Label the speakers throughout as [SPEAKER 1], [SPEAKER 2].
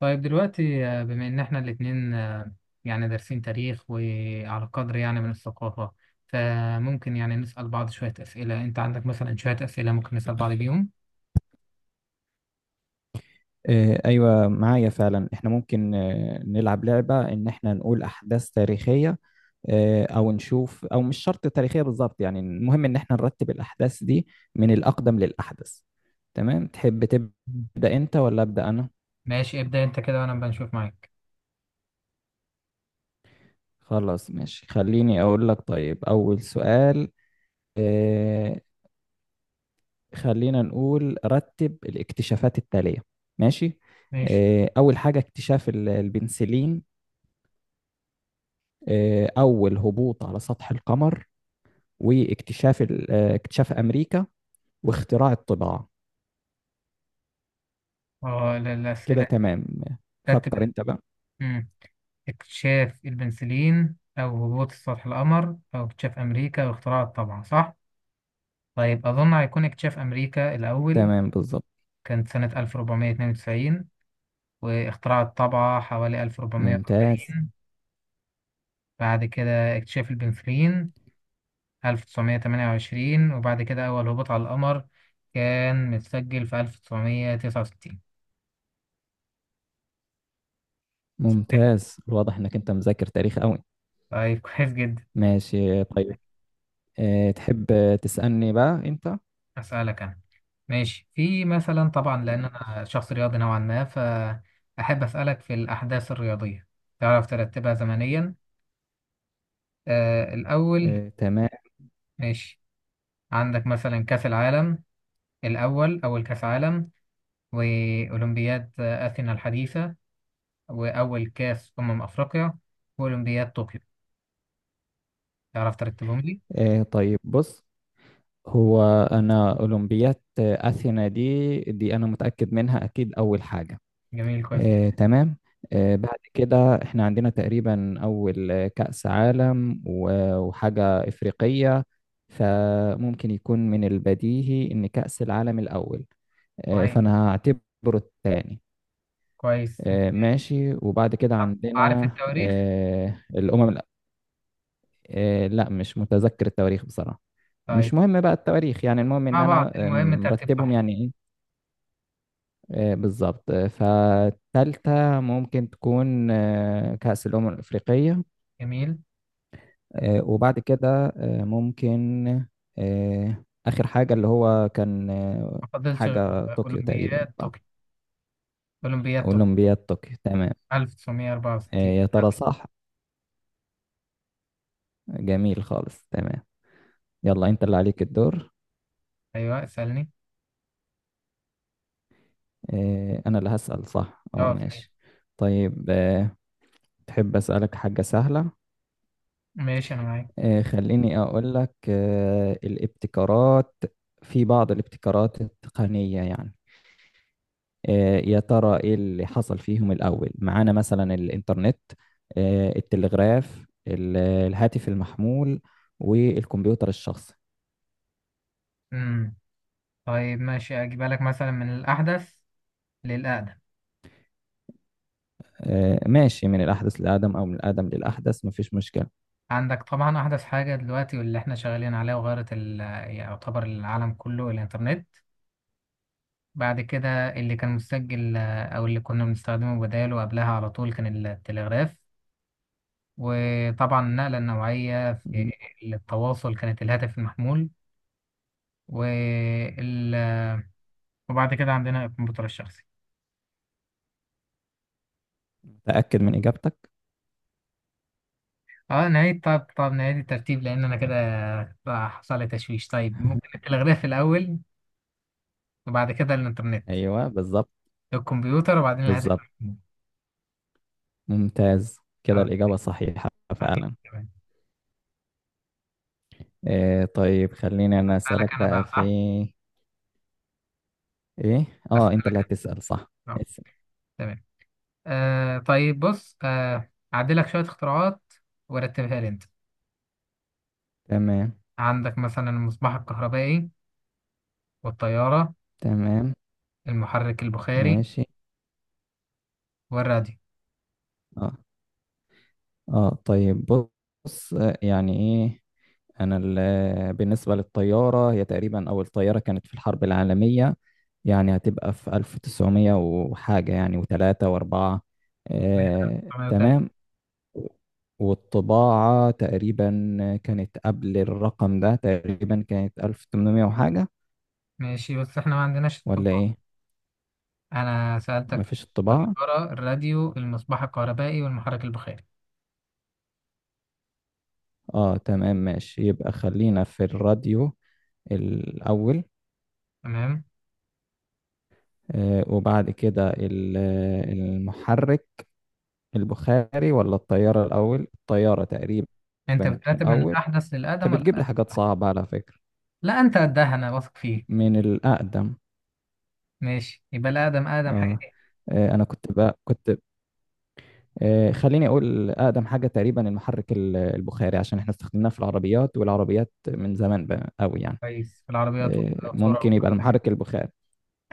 [SPEAKER 1] طيب دلوقتي بما إن إحنا الاتنين يعني دارسين تاريخ وعلى قدر يعني من الثقافة، فممكن يعني نسأل بعض شوية أسئلة. أنت عندك مثلا شوية أسئلة ممكن نسأل بعض بيهم؟
[SPEAKER 2] ايوه، معايا فعلا احنا ممكن نلعب لعبه ان احنا نقول احداث تاريخيه، او نشوف، او مش شرط تاريخيه بالظبط، يعني المهم ان احنا نرتب الاحداث دي من الاقدم للاحدث. تمام، تحب تبدا انت ولا ابدا انا؟
[SPEAKER 1] ماشي، ابدأ أنت كده وأنا بنشوف معاك.
[SPEAKER 2] خلاص ماشي، خليني اقول لك. طيب اول سؤال. آه، خلينا نقول رتب الاكتشافات التاليه. ماشي.
[SPEAKER 1] ماشي.
[SPEAKER 2] اول حاجه اكتشاف البنسلين، اول هبوط على سطح القمر، واكتشاف اكتشاف أمريكا، واختراع الطباعة.
[SPEAKER 1] اه،
[SPEAKER 2] كده
[SPEAKER 1] الأسئلة.
[SPEAKER 2] تمام،
[SPEAKER 1] رتب.
[SPEAKER 2] فكر أنت بقى.
[SPEAKER 1] مم. اكتشاف البنسلين أو هبوط سطح القمر أو اكتشاف أمريكا واختراع الطبعة، صح؟ طيب، أظن هيكون اكتشاف أمريكا الأول.
[SPEAKER 2] تمام بالظبط.
[SPEAKER 1] كانت سنة 1492، واختراع الطبعة حوالي
[SPEAKER 2] ممتاز.
[SPEAKER 1] 1440. بعد كده اكتشاف البنسلين 1928، وبعد كده أول هبوط على القمر كان متسجل في 1969.
[SPEAKER 2] ممتاز، واضح إنك أنت مذاكر تاريخ أوي.
[SPEAKER 1] طيب كويس جدا.
[SPEAKER 2] ماشي طيب. تحب تسألني بقى أنت؟
[SPEAKER 1] أسألك أنا ماشي. في مثلا، طبعا لأن
[SPEAKER 2] ماشي.
[SPEAKER 1] أنا شخص رياضي نوعا ما، فأحب أسألك في الأحداث الرياضية. تعرف ترتبها زمنيا؟ الأول.
[SPEAKER 2] تمام.
[SPEAKER 1] ماشي. عندك مثلا كأس العالم الأول، أول كأس عالم، وأولمبياد أثينا الحديثة، وأول كأس أمم أفريقيا، وأولمبياد طوكيو. تعرف ترتبهم لي؟
[SPEAKER 2] طيب بص، هو أنا أولمبيات أثينا دي أنا متأكد منها، أكيد أول حاجة.
[SPEAKER 1] جميل، كويس جدا.
[SPEAKER 2] تمام. بعد كده احنا عندنا تقريبا أول كأس عالم وحاجة إفريقية، فممكن يكون من البديهي إن كأس العالم الأول،
[SPEAKER 1] كويس.
[SPEAKER 2] فأنا هعتبره الثاني.
[SPEAKER 1] كويس.
[SPEAKER 2] ماشي، وبعد كده
[SPEAKER 1] طب عارف
[SPEAKER 2] عندنا
[SPEAKER 1] التواريخ؟
[SPEAKER 2] الأمم لا، مش متذكر التواريخ بصراحة.
[SPEAKER 1] طيب.
[SPEAKER 2] مش مهم بقى التواريخ، يعني المهم إن
[SPEAKER 1] مع بعض،
[SPEAKER 2] أنا
[SPEAKER 1] المهم ترتيب
[SPEAKER 2] مرتبهم،
[SPEAKER 1] صحيح.
[SPEAKER 2] يعني إيه؟ بالظبط. فالتالتة ممكن تكون كأس الأمم الأفريقية.
[SPEAKER 1] جميل.
[SPEAKER 2] وبعد كده ممكن آخر حاجة اللي هو كان
[SPEAKER 1] ما فضلش غير
[SPEAKER 2] حاجة طوكيو تقريبا،
[SPEAKER 1] أولمبياد
[SPEAKER 2] صح؟
[SPEAKER 1] طوكيو. أولمبياد طوكيو
[SPEAKER 2] أولمبياد طوكيو، تمام.
[SPEAKER 1] 1964.
[SPEAKER 2] يا ترى صح؟ جميل خالص، تمام. يلا أنت اللي عليك الدور.
[SPEAKER 1] أيوه، اسألني.
[SPEAKER 2] أنا اللي هسأل، صح؟ أه
[SPEAKER 1] أه، صحيح.
[SPEAKER 2] ماشي. طيب، تحب أسألك حاجة سهلة؟
[SPEAKER 1] ماشي، أنا معاك.
[SPEAKER 2] خليني أقول لك الابتكارات. في بعض الابتكارات التقنية يعني. يا ترى إيه اللي حصل فيهم الأول؟ معانا مثلا الإنترنت، التلغراف، الهاتف المحمول، والكمبيوتر الشخصي.
[SPEAKER 1] امم طيب ماشي، أجيب لك مثلا من الأحدث للأقدم.
[SPEAKER 2] ماشي، من الأحدث للأقدم أو من الأقدم للأحدث، مفيش مشكلة.
[SPEAKER 1] عندك طبعا أحدث حاجة دلوقتي واللي احنا شغالين عليها وغيرت يعتبر العالم كله الإنترنت. بعد كده اللي كان مسجل، أو اللي كنا بنستخدمه بداله قبلها على طول، كان التلغراف. وطبعا النقلة النوعية في
[SPEAKER 2] مم.
[SPEAKER 1] التواصل كانت الهاتف المحمول. وال... وبعد كده عندنا الكمبيوتر الشخصي.
[SPEAKER 2] متأكد من إجابتك؟
[SPEAKER 1] اه، نعيد. طب نعيد الترتيب لأن أنا كده حصل لي تشويش. طيب، ممكن التلغراف الأول، وبعد كده الإنترنت،
[SPEAKER 2] أيوه بالظبط.
[SPEAKER 1] الكمبيوتر، وبعدين الهاتف
[SPEAKER 2] بالظبط،
[SPEAKER 1] المحمول.
[SPEAKER 2] ممتاز. كده
[SPEAKER 1] اه،
[SPEAKER 2] الإجابة صحيحة
[SPEAKER 1] صحيح.
[SPEAKER 2] فعلا.
[SPEAKER 1] تمام.
[SPEAKER 2] طيب، خليني أنا
[SPEAKER 1] سألك
[SPEAKER 2] أسألك
[SPEAKER 1] أنا
[SPEAKER 2] بقى
[SPEAKER 1] بقى،
[SPEAKER 2] في
[SPEAKER 1] صح؟
[SPEAKER 2] ايه. اه انت اللي
[SPEAKER 1] أسألك.
[SPEAKER 2] هتسأل، صح؟
[SPEAKER 1] آه،
[SPEAKER 2] اسأل.
[SPEAKER 1] تمام. طيب بص، أعدلك شوية اختراعات ورتبها لي أنت.
[SPEAKER 2] تمام.
[SPEAKER 1] عندك مثلا المصباح الكهربائي، والطيارة،
[SPEAKER 2] تمام
[SPEAKER 1] المحرك البخاري،
[SPEAKER 2] ماشي.
[SPEAKER 1] والراديو.
[SPEAKER 2] اه اه طيب بص، يعني ايه. انا بالنسبة للطيارة، هي تقريبا اول طيارة كانت في الحرب العالمية يعني، هتبقى في 1900 وحاجة يعني، وثلاثة واربعة.
[SPEAKER 1] 1903.
[SPEAKER 2] تمام. والطباعة تقريبا كانت قبل الرقم ده، تقريبا كانت 1800 وحاجة.
[SPEAKER 1] ماشي، بس احنا ما عندناش
[SPEAKER 2] ولا
[SPEAKER 1] الطباعة.
[SPEAKER 2] ايه؟
[SPEAKER 1] أنا سألتك في
[SPEAKER 2] مفيش الطباعة.
[SPEAKER 1] الطيارة، الراديو، المصباح الكهربائي، والمحرك البخاري.
[SPEAKER 2] اه تمام ماشي، يبقى خلينا في الراديو الأول.
[SPEAKER 1] تمام.
[SPEAKER 2] وبعد كده المحرك البخاري ولا الطيارة الأول؟ الطيارة تقريبا
[SPEAKER 1] أنت بترتب من
[SPEAKER 2] الأول.
[SPEAKER 1] الأحدث للأقدم
[SPEAKER 2] انت
[SPEAKER 1] ولا
[SPEAKER 2] بتجيب لي
[SPEAKER 1] الأقدم؟
[SPEAKER 2] حاجات صعبة على فكرة.
[SPEAKER 1] لا، أنت قدها، أنا واثق فيك.
[SPEAKER 2] من الأقدم.
[SPEAKER 1] ماشي، يبقى الأقدم. أقدم
[SPEAKER 2] اه,
[SPEAKER 1] حاجة
[SPEAKER 2] أنا كنت خليني أقول أقدم حاجة تقريبا المحرك البخاري، عشان احنا استخدمناه في العربيات، والعربيات من زمان بقى أوي يعني.
[SPEAKER 1] كويس في العربيات
[SPEAKER 2] ممكن
[SPEAKER 1] والقطورة.
[SPEAKER 2] يبقى المحرك البخاري.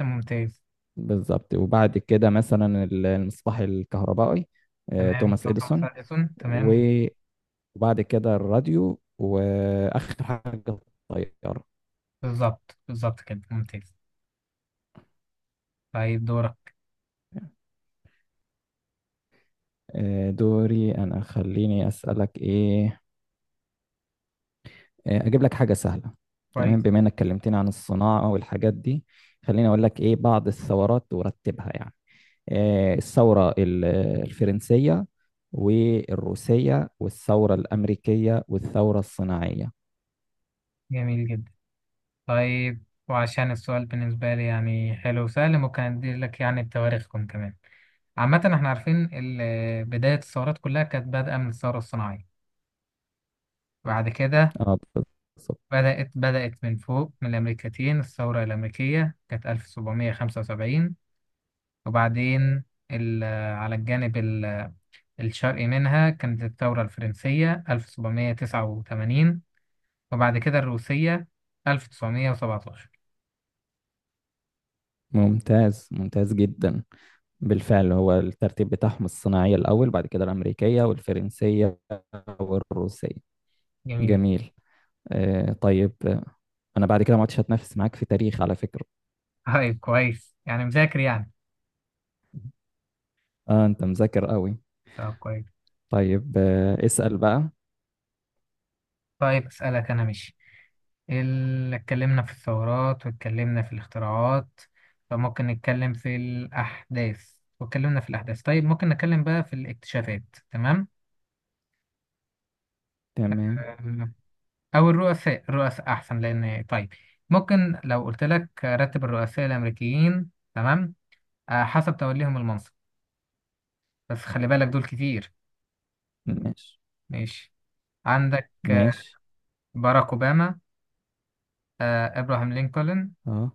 [SPEAKER 1] أنت ممتاز.
[SPEAKER 2] بالظبط، وبعد كده مثلا المصباح الكهربائي،
[SPEAKER 1] تمام،
[SPEAKER 2] توماس
[SPEAKER 1] يعطى
[SPEAKER 2] إديسون.
[SPEAKER 1] مثلا إيسون. تمام،
[SPEAKER 2] و- وبعد كده الراديو، وآخر حاجة الطيارة.
[SPEAKER 1] بالظبط بالظبط كده، ممتاز. طيب، دورك.
[SPEAKER 2] دوري أنا، خليني أسألك إيه. أجيب لك حاجة سهلة. تمام،
[SPEAKER 1] كويس.
[SPEAKER 2] بما إنك كلمتني عن الصناعة والحاجات دي، خليني أقول لك إيه بعض الثورات ورتبها يعني. الثورة الفرنسية، والروسية، والثورة الأمريكية، والثورة الصناعية.
[SPEAKER 1] جميل جدا. طيب، وعشان السؤال بالنسبة لي يعني حلو وسهل، ممكن أدي لك يعني بتواريخكم كمان. عامة احنا عارفين بداية الثورات كلها كانت بادئة من الثورة الصناعية. بعد كده
[SPEAKER 2] اه بالظبط.
[SPEAKER 1] بدأت من فوق من الأمريكتين، الثورة الأمريكية كانت 1775. وبعدين ال- على الجانب الشرقي منها كانت الثورة الفرنسية 1789. وبعد كده الروسية 1917.
[SPEAKER 2] ممتاز، ممتاز جدا. بالفعل، هو الترتيب بتاعهم الصناعية الأول، بعد كده الأمريكية والفرنسية والروسية.
[SPEAKER 1] جميل.
[SPEAKER 2] جميل. طيب، أنا بعد كده ما عدتش هتنافس معاك في تاريخ على فكرة.
[SPEAKER 1] طيب، كويس يعني مذاكر يعني.
[SPEAKER 2] أنت مذاكر قوي.
[SPEAKER 1] طب كويس.
[SPEAKER 2] طيب اسأل بقى.
[SPEAKER 1] طيب، أسألك أنا ماشي. اتكلمنا في الثورات، واتكلمنا في الاختراعات، فممكن نتكلم في الأحداث. واتكلمنا في الأحداث. طيب، ممكن نتكلم بقى في الاكتشافات. تمام.
[SPEAKER 2] تمام.
[SPEAKER 1] أم، أو الرؤساء. الرؤساء أحسن. لأن طيب، ممكن لو قلت لك رتب الرؤساء الأمريكيين. تمام. أه، حسب توليهم المنصب. بس خلي بالك دول كتير.
[SPEAKER 2] ماشي،
[SPEAKER 1] ماشي. عندك
[SPEAKER 2] ماشي.
[SPEAKER 1] باراك أوباما، إبراهام لينكولن،
[SPEAKER 2] آه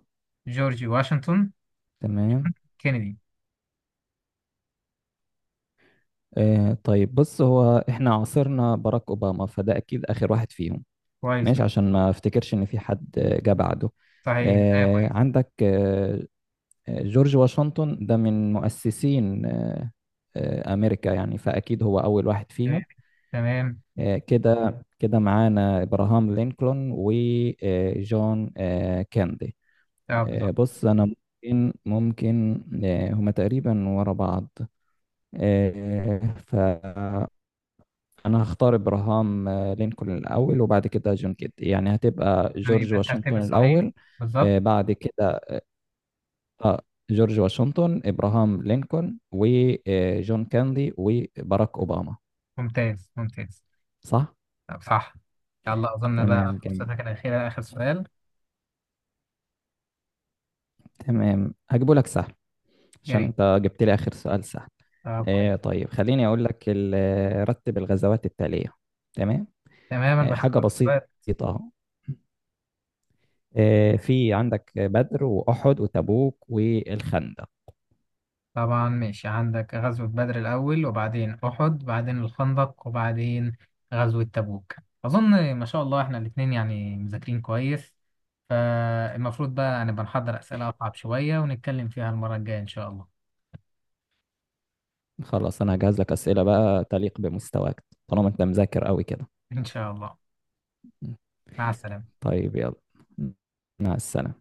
[SPEAKER 1] جورج واشنطن،
[SPEAKER 2] تمام.
[SPEAKER 1] كينيدي.
[SPEAKER 2] طيب بص، هو إحنا عاصرنا باراك أوباما، فده أكيد آخر واحد فيهم.
[SPEAKER 1] كويس.
[SPEAKER 2] ماشي، عشان ما افتكرش إن في حد جه بعده.
[SPEAKER 1] صحيح، بداية كويس.
[SPEAKER 2] عندك، جورج واشنطن ده من مؤسسين أمريكا يعني، فأكيد هو أول واحد فيهم.
[SPEAKER 1] تمام.
[SPEAKER 2] كده، كده معانا إبراهام لينكولن وجون كيندي.
[SPEAKER 1] اه، بالظبط.
[SPEAKER 2] بص، أنا ممكن هما تقريبا ورا بعض. آه، فأنا هختار إبراهام لينكولن الأول، وبعد كده جون كيندي. يعني هتبقى
[SPEAKER 1] تمام،
[SPEAKER 2] جورج
[SPEAKER 1] يبقى الترتيب
[SPEAKER 2] واشنطن
[SPEAKER 1] الصحيح
[SPEAKER 2] الأول.
[SPEAKER 1] بالظبط.
[SPEAKER 2] بعد كده اه جورج واشنطن، ابراهام لينكولن، وجون كاندي، وباراك اوباما.
[SPEAKER 1] ممتاز ممتاز.
[SPEAKER 2] صح.
[SPEAKER 1] طب صح. يلا، أظن بقى
[SPEAKER 2] تمام جميل.
[SPEAKER 1] فرصتك الأخيرة، آخر سؤال.
[SPEAKER 2] تمام، هجيبه لك سهل
[SPEAKER 1] يا
[SPEAKER 2] عشان
[SPEAKER 1] ريت.
[SPEAKER 2] انت جبت لي اخر سؤال سهل.
[SPEAKER 1] طب كويس.
[SPEAKER 2] طيب، خليني اقول لك رتب الغزوات التالية. تمام.
[SPEAKER 1] تماما
[SPEAKER 2] حاجة بسيطة،
[SPEAKER 1] بحب.
[SPEAKER 2] اهو. في عندك بدر، واحد، وتبوك، والخندق.
[SPEAKER 1] طبعا ماشي. عندك غزوة بدر الأول، وبعدين أحد، بعدين الخندق، وبعدين غزوة تبوك. أظن ما شاء الله إحنا الاتنين يعني مذاكرين كويس، فالمفروض بقى نبقى نحضر أسئلة أصعب شوية ونتكلم فيها المرة الجاية إن شاء الله.
[SPEAKER 2] خلاص، انا هجهز لك اسئلة بقى تليق بمستواك طالما انت مذاكر قوي كده.
[SPEAKER 1] إن شاء الله. مع السلامة.
[SPEAKER 2] طيب، يلا مع السلامة.